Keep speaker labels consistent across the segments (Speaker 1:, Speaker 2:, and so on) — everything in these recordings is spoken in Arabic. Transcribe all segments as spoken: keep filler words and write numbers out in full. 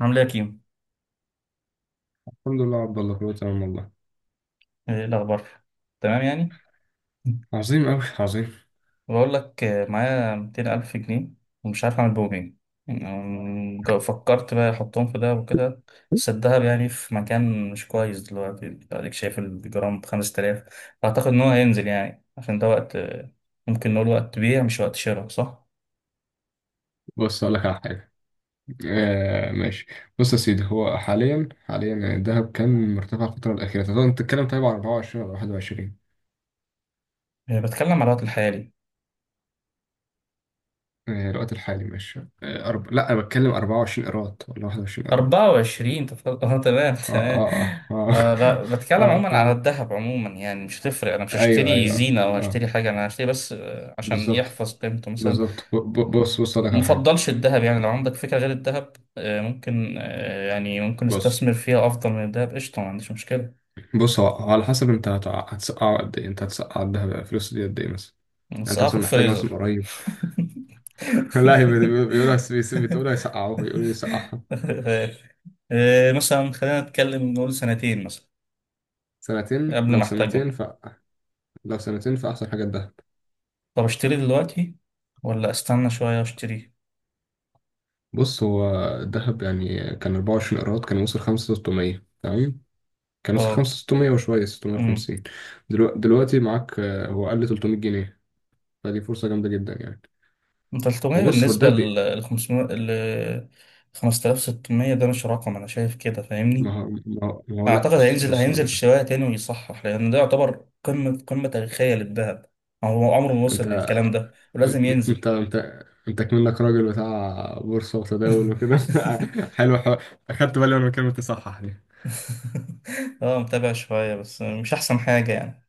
Speaker 1: عامل ايه يا كيمو؟
Speaker 2: الحمد لله يا عبد الله، كله تمام والله.
Speaker 1: ايه الأخبار؟ تمام يعني؟
Speaker 2: عظيم أوي عظيم.
Speaker 1: بقول لك آه، معايا ميتين ألف جنيه، ومش عارف أعمل بهم إيه. يعني، أم، جا- فكرت بقى أحطهم في دهب وكده. بس الدهب يعني في مكان مش كويس دلوقتي، أديك شايف الجرام بخمس تلاف. أعتقد إن هو هينزل، يعني عشان ده وقت، آه، ممكن نقول وقت بيع مش وقت شراء، صح؟
Speaker 2: بص أقول لك على حاجة. آه ماشي. بص يا سيدي، هو حاليا حاليا الذهب كان مرتفع الفترة الأخيرة. طب أنت بتتكلم طيب عن أربعة وعشرين ولا واحد وعشرين؟
Speaker 1: آه، بتكلم على الوقت الحالي.
Speaker 2: آه الوقت الحالي، ماشي آه. أرب... لا أنا بتكلم أربعة وعشرين إيراد ولا واحد وعشرين إيراد.
Speaker 1: أربعة وعشرين، تفضل. اه، تمام
Speaker 2: آه
Speaker 1: تمام.
Speaker 2: آه آه
Speaker 1: آه
Speaker 2: آه.
Speaker 1: لا، بتكلم
Speaker 2: آه
Speaker 1: عموما على
Speaker 2: تمام.
Speaker 1: الذهب عموما، يعني مش هتفرق. انا مش
Speaker 2: أيوه
Speaker 1: هشتري
Speaker 2: أيوه آه.
Speaker 1: زينة او
Speaker 2: آه،
Speaker 1: هشتري حاجة، انا هشتري بس آه، عشان
Speaker 2: بالظبط.
Speaker 1: يحفظ قيمته مثلا.
Speaker 2: بالظبط، ب- ب- بص بص أقول لك على حاجة.
Speaker 1: مفضلش الذهب يعني، لو عندك فكرة غير الذهب، آه ممكن، آه يعني ممكن
Speaker 2: بص
Speaker 1: استثمر فيها افضل من الذهب، قشطة، ما عنديش مشكلة.
Speaker 2: بص هو هو على حسب أنت هتع- هتسقع قد إيه، أنت هتسقع الذهب الفلوس دي قد إيه مثلا. يعني
Speaker 1: بس
Speaker 2: انت
Speaker 1: اه، في
Speaker 2: مثلا محتاج
Speaker 1: الفريزر.
Speaker 2: مثلا قريب. لا هي بت- بيقولها، بيس- بتقولها يسقعوه، بيقولوا يسقعها.
Speaker 1: آه، مثلا خلينا نتكلم نقول سنتين مثلا،
Speaker 2: سنتين،
Speaker 1: قبل
Speaker 2: لو
Speaker 1: ما
Speaker 2: سنتين
Speaker 1: احتاجهم.
Speaker 2: ف لو سنتين فأحسن حاجة الذهب.
Speaker 1: طب اشتري دلوقتي، ولا استنى شوية واشتري؟
Speaker 2: بص، هو الذهب يعني كان أربعة وعشرين قيراط، كان وصل خمسة آلاف وستمية تمام، كان وصل
Speaker 1: اه.
Speaker 2: خمسة آلاف وستمية وشوية،
Speaker 1: امم.
Speaker 2: ستمية وخمسين. دلوقتي, دلوقتي معاك، آه، هو قل ثلاثمائة جنيه، فدي فرصة جامدة جدا يعني.
Speaker 1: تلتمية
Speaker 2: وبص هو
Speaker 1: بالنسبة
Speaker 2: الدهب بي-
Speaker 1: لل خمسمية، ل خمسة آلاف وستمية، ده مش رقم انا شايف كده، فاهمني؟
Speaker 2: ما هو ما هو ما هو لا
Speaker 1: اعتقد
Speaker 2: بس
Speaker 1: هينزل
Speaker 2: بص هقول
Speaker 1: هينزل
Speaker 2: لك.
Speaker 1: الشوية تاني ويصحح، لان ده يعتبر قمة قمة تاريخية للذهب. هو عمره ما وصل
Speaker 2: انت
Speaker 1: للكلام ده، ولازم
Speaker 2: انت
Speaker 1: ينزل.
Speaker 2: انت انت كمنك راجل بتاع بورصة وتداول وكده. حلو حلو. اخدت بالي وانا بكلمة تصحح دي.
Speaker 1: اه، متابع شوية بس مش احسن حاجة يعني.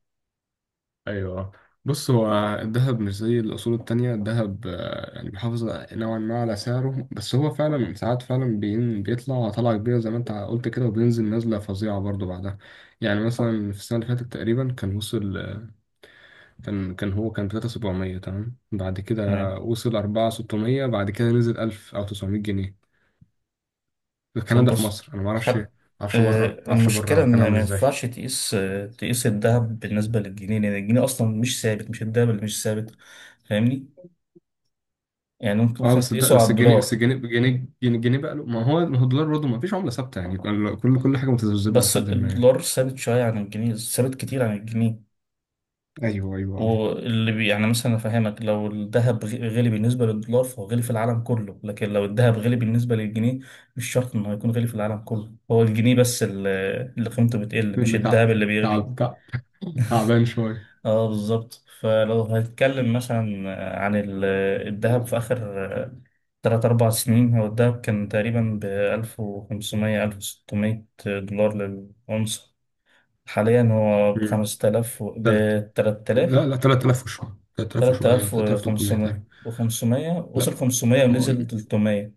Speaker 2: ايوه. بص هو الذهب مش زي الاصول التانية. الذهب آه، يعني بيحافظ نوعا ما على سعره. بس هو فعلا ساعات، فعلا بين- بيطلع طلعة كبيرة زي ما انت قلت كده، وبينزل نزلة فظيعة برضو بعدها. يعني مثلا في السنة اللي فاتت تقريبا كان وصل آه، كان كان هو كان ثلاثة آلاف وسبعمائة تمام. بعد كده
Speaker 1: تمام.
Speaker 2: وصل أربعة آلاف وستمية، بعد كده نزل ألف او تسعمائة جنيه. الكلام
Speaker 1: طب
Speaker 2: ده في
Speaker 1: بص،
Speaker 2: مصر، انا ما اعرفش ما
Speaker 1: خد.
Speaker 2: اعرفش بره،
Speaker 1: آه،
Speaker 2: ما اعرفش
Speaker 1: المشكلة
Speaker 2: بره كان
Speaker 1: إن
Speaker 2: عامل
Speaker 1: ما
Speaker 2: ازاي.
Speaker 1: ينفعش تقيس آه، تقيس الذهب بالنسبة للجنيه، لأن الجنيه أصلا مش ثابت، مش الذهب اللي مش ثابت. فاهمني؟ يعني ممكن
Speaker 2: اه
Speaker 1: مثلا
Speaker 2: بس الد-
Speaker 1: تقيسه على
Speaker 2: بس الجنيه
Speaker 1: الدولار.
Speaker 2: بس الجنيه الجنيه الجنيه بقى له. ما هو ما هو الدولار برضه ما فيش عمله ثابته، يعني كل كل كل حاجه متذبذبه
Speaker 1: بس
Speaker 2: لحد ما يعني.
Speaker 1: الدولار ثابت شوية عن الجنيه، ثابت كتير عن الجنيه.
Speaker 2: ايوه ايوه.
Speaker 1: واللي بي يعني مثلا أفهمك، لو الذهب غ- غلي بالنسبة للدولار، فهو غلي في العالم كله. لكن لو الذهب غلي بالنسبة للجنيه، مش شرط إنه هيكون غلي في العالم كله. هو الجنيه بس اللي اللي قيمته بتقل، مش
Speaker 2: اللي تع...
Speaker 1: الذهب اللي بيغلي.
Speaker 2: تعب، تع... تعبان شويه.
Speaker 1: اه، بالظبط. فلو هنتكلم مثلا عن ال- الذهب في آخر تلات أربع سنين، هو الذهب كان تقريبا بألف وخمسمية، ألف وستمية دولار للأونصة. حاليا هو
Speaker 2: مم.
Speaker 1: بخمسة آلاف،
Speaker 2: تلات.
Speaker 1: بتلات آلاف.
Speaker 2: لا لا، ثلاثة آلاف وشويه، تلات آلاف
Speaker 1: تلات
Speaker 2: وشويه،
Speaker 1: آلاف
Speaker 2: ثلاثة آلاف وثلاثمائة
Speaker 1: وخمسمية
Speaker 2: تقريبا.
Speaker 1: وخمسمية، وصل
Speaker 2: لا.
Speaker 1: خمسمية
Speaker 2: هو
Speaker 1: ونزل تلتمية.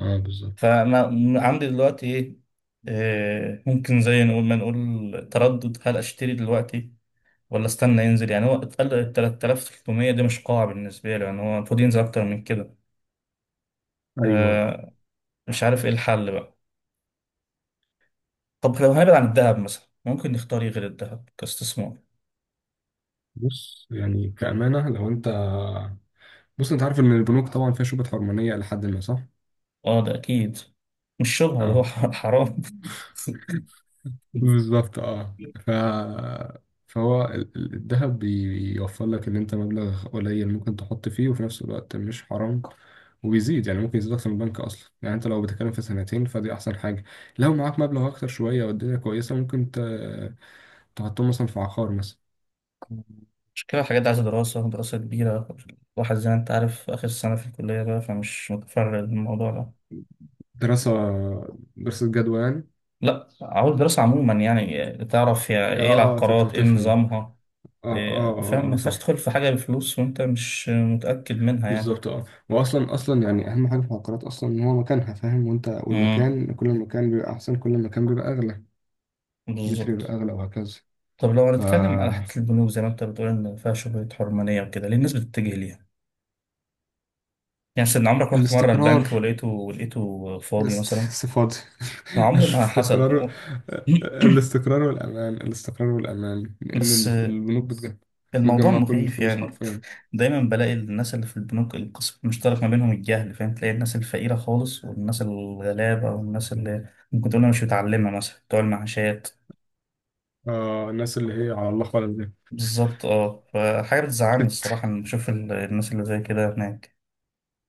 Speaker 2: اه، بالظبط.
Speaker 1: فأنا عندي دلوقتي إيه؟ آه، ممكن زي نقول ما نقول تردد، هل أشتري دلوقتي ولا استنى ينزل؟ يعني هو اتقل، ال تلات آلاف وتلتمية دي مش قاعة بالنسبة له، يعني هو المفروض ينزل أكتر من كده.
Speaker 2: ايوه.
Speaker 1: آه، مش عارف إيه الحل بقى. طب لو هنبعد عن الذهب مثلا، ممكن نختار إيه غير الذهب كاستثمار؟
Speaker 2: بص يعني كأمانة لو انت. بص انت عارف ان البنوك طبعا فيها شبهة حرمانية لحد ما، صح؟
Speaker 1: أه، ده أكيد. مش شبهة، ده هو
Speaker 2: اه
Speaker 1: ح- حرام.
Speaker 2: بالظبط، اه ف... فهو ال- ال- الذهب بي- بيوفر لك ان انت مبلغ قليل ممكن تحط فيه، وفي نفس الوقت مش حرام. وبيزيد يعني، ممكن يزيد اكتر من البنك اصلا. يعني انت لو بتتكلم في سنتين فدي احسن حاجه. لو معاك مبلغ اكتر شويه والدنيا كويسه، ممكن ت... تحطهم مثلا في عقار مثلا.
Speaker 1: مش كده، الحاجات دي عايزة دراسة دراسة كبيرة. الواحد زي ما أنت عارف آخر سنة في الكلية بقى، فمش متفرغ للموضوع ده.
Speaker 2: دراسه، دراسه جدوى يعني.
Speaker 1: لا، عاوز دراسة عموما، يعني تعرف يا
Speaker 2: اه
Speaker 1: إيه
Speaker 2: اه تت-
Speaker 1: العقارات، إيه
Speaker 2: تفهم.
Speaker 1: نظامها.
Speaker 2: اه اه
Speaker 1: إيه، فاهم، ما
Speaker 2: اه آه، صح.
Speaker 1: ينفعش تدخل في حاجة بفلوس وأنت مش متأكد منها يعني.
Speaker 2: بالظبط اه، واصلا اصلا يعني اهم حاجه في العقارات اصلا ان هو مكانها، فاهم، وانت
Speaker 1: امم.
Speaker 2: والمكان، كل المكان بيبقى احسن، كل المكان بيبقى اغلى. المتر
Speaker 1: بالظبط.
Speaker 2: أغلى وهكذا.
Speaker 1: طب لو هنتكلم على
Speaker 2: فالاستقرار.
Speaker 1: حتة البنوك، زي ما أنت بتقول إن فيها شبهة حرمانية وكده، ليه الناس بتتجه ليها؟ يعني مثلا، عمرك رحت مرة البنك ولقيته لقيته فاضي
Speaker 2: است-
Speaker 1: مثلا؟
Speaker 2: صفاتي.
Speaker 1: أنا عمري ما
Speaker 2: الاستقرار.
Speaker 1: حصلت.
Speaker 2: الاستقرار والأمان، الاستقرار والأمان، لأن
Speaker 1: بس
Speaker 2: ال- البنوك بتجمع.
Speaker 1: الموضوع
Speaker 2: بتجمع كل
Speaker 1: مخيف
Speaker 2: الفلوس
Speaker 1: يعني.
Speaker 2: حرفيا.
Speaker 1: دايما بلاقي الناس اللي في البنوك، القسم المشترك ما بينهم الجهل، فاهم، تلاقي الناس الفقيرة خالص والناس الغلابة والناس اللي ممكن تقول أنا مش متعلمة مثلا، بتوع المعاشات.
Speaker 2: آه الناس اللي هي على الله خالص دي.
Speaker 1: بالظبط، اه. فحاجة بتزعلني
Speaker 2: شت.
Speaker 1: الصراحة إن بشوف ال- الناس اللي زي كده هناك،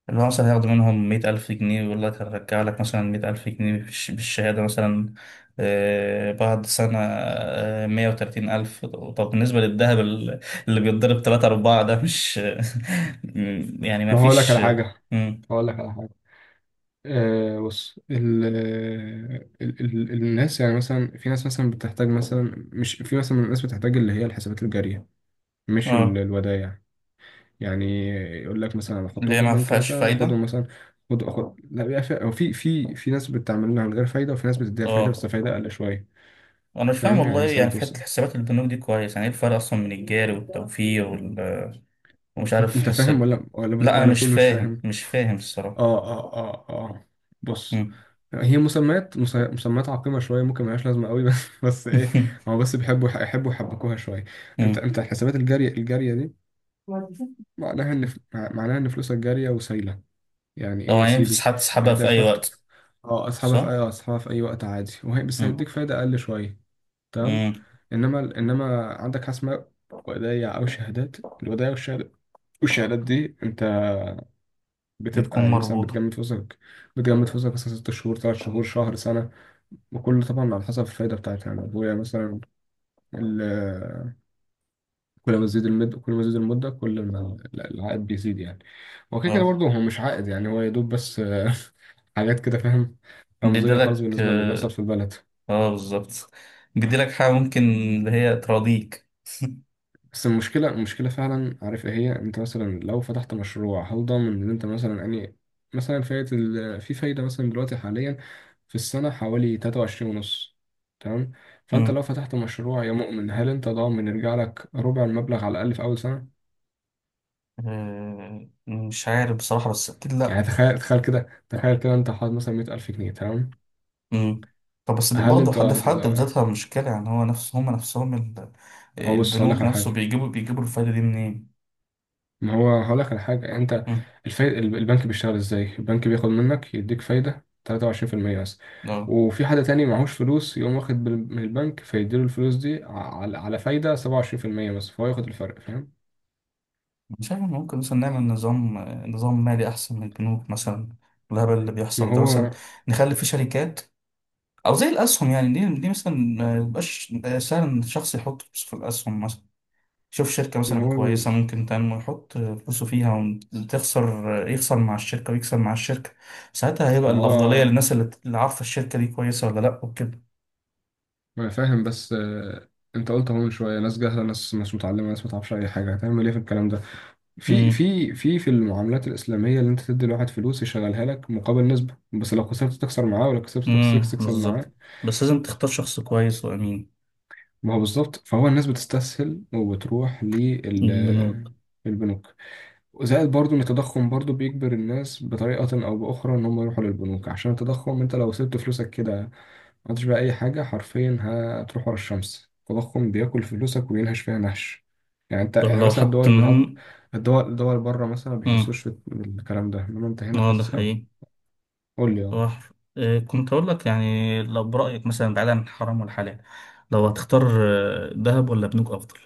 Speaker 1: اللي هو مثلا هياخدوا منهم مية ألف جنيه ويقول لك هرجع لك مثلا مية ألف جنيه بالش- بالشهادة مثلا. آه، بعد سنة آه، مية وتلاتين ألف. طب بالنسبة للذهب ال- اللي بيتضرب تلاتة أربعة، ده مش يعني ما
Speaker 2: ما هقول لك
Speaker 1: فيش.
Speaker 2: على حاجة.
Speaker 1: مم.
Speaker 2: هقول لك على حاجة. آه بص ال ال ال الناس، يعني مثلا في ناس مثلا بتحتاج مثلا، مش في مثلا من الناس بتحتاج اللي هي الحسابات الجارية، مش ال-
Speaker 1: اه،
Speaker 2: الودائع. يعني يقول لك مثلا أنا
Speaker 1: اللي
Speaker 2: احطهم
Speaker 1: هي
Speaker 2: في
Speaker 1: ما
Speaker 2: البنك
Speaker 1: فيهاش
Speaker 2: مثلا
Speaker 1: فايدة.
Speaker 2: واخدهم مثلا. خد اخد لا، بيبقى في، أو في في في ناس بتعملها من غير فايده، وفي ناس بتديها فايده،
Speaker 1: اه،
Speaker 2: بس فايده اقل شويه.
Speaker 1: أنا مش فاهم
Speaker 2: فاهم، يعني
Speaker 1: والله،
Speaker 2: مثلا
Speaker 1: يعني في
Speaker 2: بتوصل.
Speaker 1: حتة حسابات البنوك دي كويس، يعني إيه الفرق أصلا من الجاري والتوفير؟ ومش
Speaker 2: انت
Speaker 1: عارف
Speaker 2: أنت
Speaker 1: حس.
Speaker 2: فاهم ولا ولا بت-
Speaker 1: لا انا
Speaker 2: ولا
Speaker 1: مش
Speaker 2: بتقول مش
Speaker 1: فاهم،
Speaker 2: فاهم.
Speaker 1: مش فاهم الصراحه.
Speaker 2: اه اه اه اه. بص،
Speaker 1: مم.
Speaker 2: هي مسميات مس- مسميات عقيمة شوية ممكن ملهاش لازمة قوي، بس. بس ايه، هو بس بيحبوا يحبوا يحبكوها شوية. انت
Speaker 1: مم.
Speaker 2: انت الحسابات الجارية الجارية دي، معناها ان ف- معناها ان فلوسك جارية وسايلة. يعني ايه يا
Speaker 1: طبعا ينفع
Speaker 2: سيدي؟
Speaker 1: تسحب
Speaker 2: يعني
Speaker 1: تسحبها
Speaker 2: انت
Speaker 1: في اي
Speaker 2: هتحط.
Speaker 1: وقت.
Speaker 2: اه اسحبها في اي
Speaker 1: صح.
Speaker 2: اه اسحبها في اي وقت عادي، وهي بس
Speaker 1: مم.
Speaker 2: هيديك فايدة اقل شوية. تمام.
Speaker 1: مم.
Speaker 2: انما انما عندك حاجة اسمها ودايع او شهادات. الودايع والشهادات، والشهادات دي انت بتبقى
Speaker 1: بتكون
Speaker 2: يعني مثلا
Speaker 1: مربوطه.
Speaker 2: بتجمد فلوسك. بتجمد فلوسك مثلا ست شهور، تلات شهور، شهر، سنة. وكل طبعا على حسب الفايدة بتاعتها. يعني ابويا مثلا، كل ما تزيد المدة كل ما تزيد المدة، كل ما ال- العائد بيزيد يعني. هو كده كده
Speaker 1: اه.
Speaker 2: برضه، هو مش عائد يعني، هو يا دوب بس آه، حاجات كده فاهم، رمزية خالص
Speaker 1: بيديلك
Speaker 2: بالنسبة للي بيحصل
Speaker 1: اه.
Speaker 2: في البلد.
Speaker 1: آه، بالظبط. بيديلك حاجه ممكن، اللي هي تراضيك.
Speaker 2: بس المشكلة المشكلة فعلا، عارف ايه هي؟ انت مثلا لو فتحت مشروع، هل ضامن ان انت مثلا يعني، مثلا فايدة ال... في فايدة مثلا دلوقتي حاليا في السنة حوالي تلاتة وعشرين ونص، تمام. فانت لو
Speaker 1: مم.
Speaker 2: فتحت مشروع يا مؤمن، هل انت ضامن يرجع لك ربع المبلغ على الاقل في اول سنة؟
Speaker 1: آه، مش عارف بصراحه، بس اكيد
Speaker 2: يعني
Speaker 1: لا.
Speaker 2: تخيل، تخيل كده تخيل كده انت حاطط مثلا مية ألف جنيه، تمام.
Speaker 1: مم. طب بس
Speaker 2: هل
Speaker 1: برضه
Speaker 2: انت؟
Speaker 1: حد في حد
Speaker 2: ما
Speaker 1: بذاتها مشكله، يعني هو نفس، هم نفسهم ال-
Speaker 2: هو بص هقول لك
Speaker 1: البنوك
Speaker 2: على
Speaker 1: نفسه
Speaker 2: حاجه.
Speaker 1: بيجيبوا بيجيبوا الفايده دي منين؟
Speaker 2: ما هو هقول لك على حاجه، انت
Speaker 1: مم.
Speaker 2: الفايد... البنك بيشتغل ازاي. البنك بياخد منك، يديك فايده تلاتة وعشرين في المية بس.
Speaker 1: اه.
Speaker 2: وفي حد تاني معهوش فلوس يقوم واخد بال- من البنك، فيديله الفلوس دي على على فايده سبعة وعشرين في المية بس، فهو ياخد الفرق فاهم.
Speaker 1: مش عارف، ممكن مثلا نعمل نظام نظام مالي أحسن من البنوك مثلا، الهبل اللي
Speaker 2: ما
Speaker 1: بيحصل ده مثلا.
Speaker 2: هو
Speaker 1: نخلي فيه شركات، أو زي الأسهم يعني. دي دي مثلا، ما يبقاش سهل إن الشخص يحط فلوس في الأسهم مثلا. شوف شركة
Speaker 2: ما
Speaker 1: مثلا
Speaker 2: هو
Speaker 1: كويسة ممكن تنمو، يحط فلوسه فيها، وتخسر يخسر مع الشركة ويكسب مع الشركة. ساعتها هيبقى
Speaker 2: ما
Speaker 1: الأفضلية
Speaker 2: هو
Speaker 1: للناس اللي اللي عارفة الشركة دي كويسة ولا لأ وكده.
Speaker 2: ما انا فاهم، بس آه، انت قلت اهو من شويه، ناس جاهله، ناس مش متعلمه، ناس ما تعرفش اي حاجه، هتعمل ايه في الكلام ده. في
Speaker 1: امم.
Speaker 2: في في في المعاملات الإسلامية اللي أنت تدي لواحد فلوس يشغلها لك مقابل نسبة، بس لو خسرت تخسر معاه، ولو كسبت تخسر
Speaker 1: امم،
Speaker 2: تكسب
Speaker 1: بالظبط.
Speaker 2: معاه.
Speaker 1: بس لازم تختار شخص كويس وأمين.
Speaker 2: ما هو بالظبط، فهو الناس بتستسهل وبتروح
Speaker 1: البنوك.
Speaker 2: للبنوك. زائد برضو إن التضخم برضو بيجبر الناس بطريقة أو بأخرى إن هم يروحوا للبنوك، عشان التضخم أنت لو سبت فلوسك كده، عملتش بقى أي حاجة، حرفيا هتروح ورا الشمس. التضخم بياكل فلوسك وينهش فيها نهش. يعني أنت
Speaker 1: طب
Speaker 2: يعني
Speaker 1: لو
Speaker 2: مثلا
Speaker 1: حط
Speaker 2: الدول بتاع.
Speaker 1: إنهم.
Speaker 2: الدول الدول بره مثلا ما
Speaker 1: مم.
Speaker 2: بيحسوش بال- بالكلام ده، إنما أنت هنا
Speaker 1: اه، ده
Speaker 2: حاسس أوي.
Speaker 1: حقيقي.
Speaker 2: قول لي أه.
Speaker 1: هو ح- آه، كنت أقول لك، يعني لو برأيك مثلا، بعيدا عن الحرام والحلال، لو هتختار آه، دهب ولا بنوك أفضل؟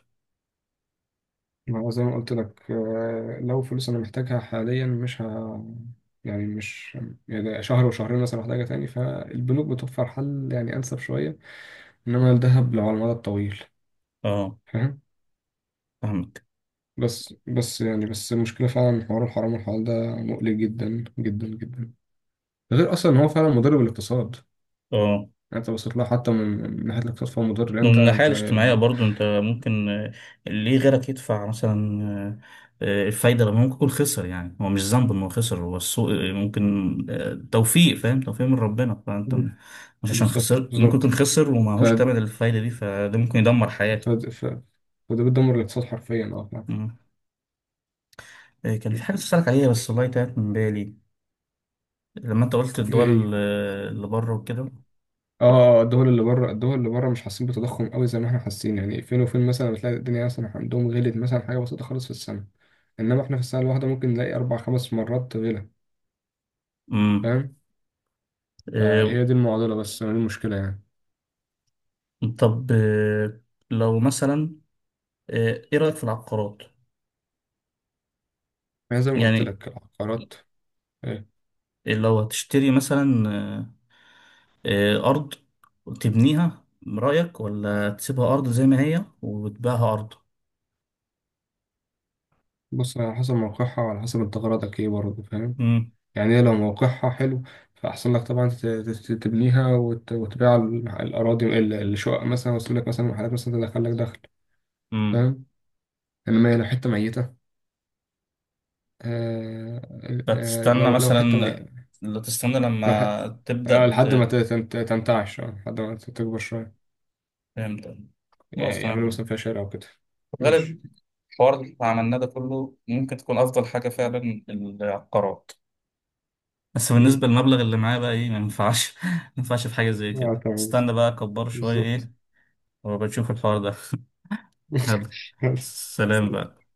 Speaker 2: ما هو زي ما قلت لك آه، لو فلوس أنا محتاجها حاليا، مش ه. يعني مش. يعني شهر وشهرين مثلا محتاجها تاني، فالبنوك بتوفر حل يعني أنسب شوية. إنما الذهب لو على المدى الطويل،
Speaker 1: اه،
Speaker 2: فاهم.
Speaker 1: فاهمك.
Speaker 2: بس بس يعني بس المشكلة فعلا، حوار الحرام والحلال ده مقلق جدا جدا جدا. غير اصلا ان هو فعلا مضر بالاقتصاد يعني.
Speaker 1: اه.
Speaker 2: انت بصيت لها حتى من من ناحيه الاقتصاد، فهو مضر لان
Speaker 1: ومن
Speaker 2: انت
Speaker 1: الناحية
Speaker 2: انت
Speaker 1: الاجتماعية
Speaker 2: بت...
Speaker 1: برضو أنت ممكن، آه، ليه غيرك يدفع مثلا آه، آه، الفايدة، لما ممكن يكون خسر؟ يعني هو مش ذنب إن هو خسر، هو السوق آه، ممكن آه، توفيق، فاهم، توفيق من ربنا. فأنت م- مش عشان
Speaker 2: بالظبط
Speaker 1: خسر، ممكن يكون
Speaker 2: بالظبط.
Speaker 1: خسر
Speaker 2: ف...
Speaker 1: ومعهوش تمن الفايدة دي، فده ممكن يدمر
Speaker 2: ف...
Speaker 1: حياته.
Speaker 2: ف... فده بيدمر الاقتصاد حرفيا، اه فعلا.
Speaker 1: مم. آه، كان في حاجة تسألك عليها بس والله تاهت من بالي، لما انت قلت
Speaker 2: ايه هي؟
Speaker 1: الدول اللي بره وكده.
Speaker 2: اه الدول اللي بره، الدول اللي بره مش حاسين بتضخم قوي زي ما احنا حاسين. يعني فين وفين مثلا بتلاقي الدنيا مثلا عندهم غلت مثلا حاجه بسيطه خالص في السنه، انما احنا في السنه الواحده ممكن نلاقي اربع خمس مرات غلا.
Speaker 1: امم.
Speaker 2: فاهم.
Speaker 1: إيه.
Speaker 2: فهي دي المعضله، بس دي المشكله يعني.
Speaker 1: طب إيه، لو مثلا إيه، إيه رأيك في العقارات؟
Speaker 2: يعني زي ما قلت
Speaker 1: يعني
Speaker 2: لك العقارات، آه،
Speaker 1: لو هتشتري مثلا، إيه، إيه، أرض تبنيها رأيك، ولا تسيبها أرض زي ما هي وتبيعها أرض؟
Speaker 2: بص على حسب موقعها، وعلى حسب انت غرضك ايه برضه، فاهم.
Speaker 1: امم.
Speaker 2: يعني هي لو موقعها حلو، فأحسن لك طبعا تت- تت- تبنيها، وت- وتبيع ال- الأراضي، ال- الشقق مثلا، وتسيب لك مثلا محلات مثلا تدخل لك دخل،
Speaker 1: امم.
Speaker 2: فاهم. إنما هي لو حتة ميتة. آه. آه
Speaker 1: فتستنى
Speaker 2: لو لو
Speaker 1: مثلا.
Speaker 2: حتة ميتة.
Speaker 1: لا، تستنى
Speaker 2: لو ح-
Speaker 1: لما
Speaker 2: آه
Speaker 1: تبدأ
Speaker 2: لحد ما
Speaker 1: ت-
Speaker 2: ت- تنت- تنتعش، آه، لحد ما ت- تكبر شوية،
Speaker 1: فهمت. خلاص،
Speaker 2: يعني يعملوا
Speaker 1: تمام.
Speaker 2: مثلا فيها شارع وكده.
Speaker 1: في الغالب،
Speaker 2: ماشي.
Speaker 1: الحوار اللي عملناه ده كله، ممكن تكون أفضل حاجة فعلا العقارات. بس
Speaker 2: مم.
Speaker 1: بالنسبة للمبلغ اللي معايا بقى ايه، ما ينفعش ما ينفعش في حاجة زي
Speaker 2: اه
Speaker 1: كده.
Speaker 2: تمام.
Speaker 1: استنى بقى اكبر شوية
Speaker 2: بالظبط.
Speaker 1: ايه، وبشوف الحوار ده. هبقى. سلام بقى.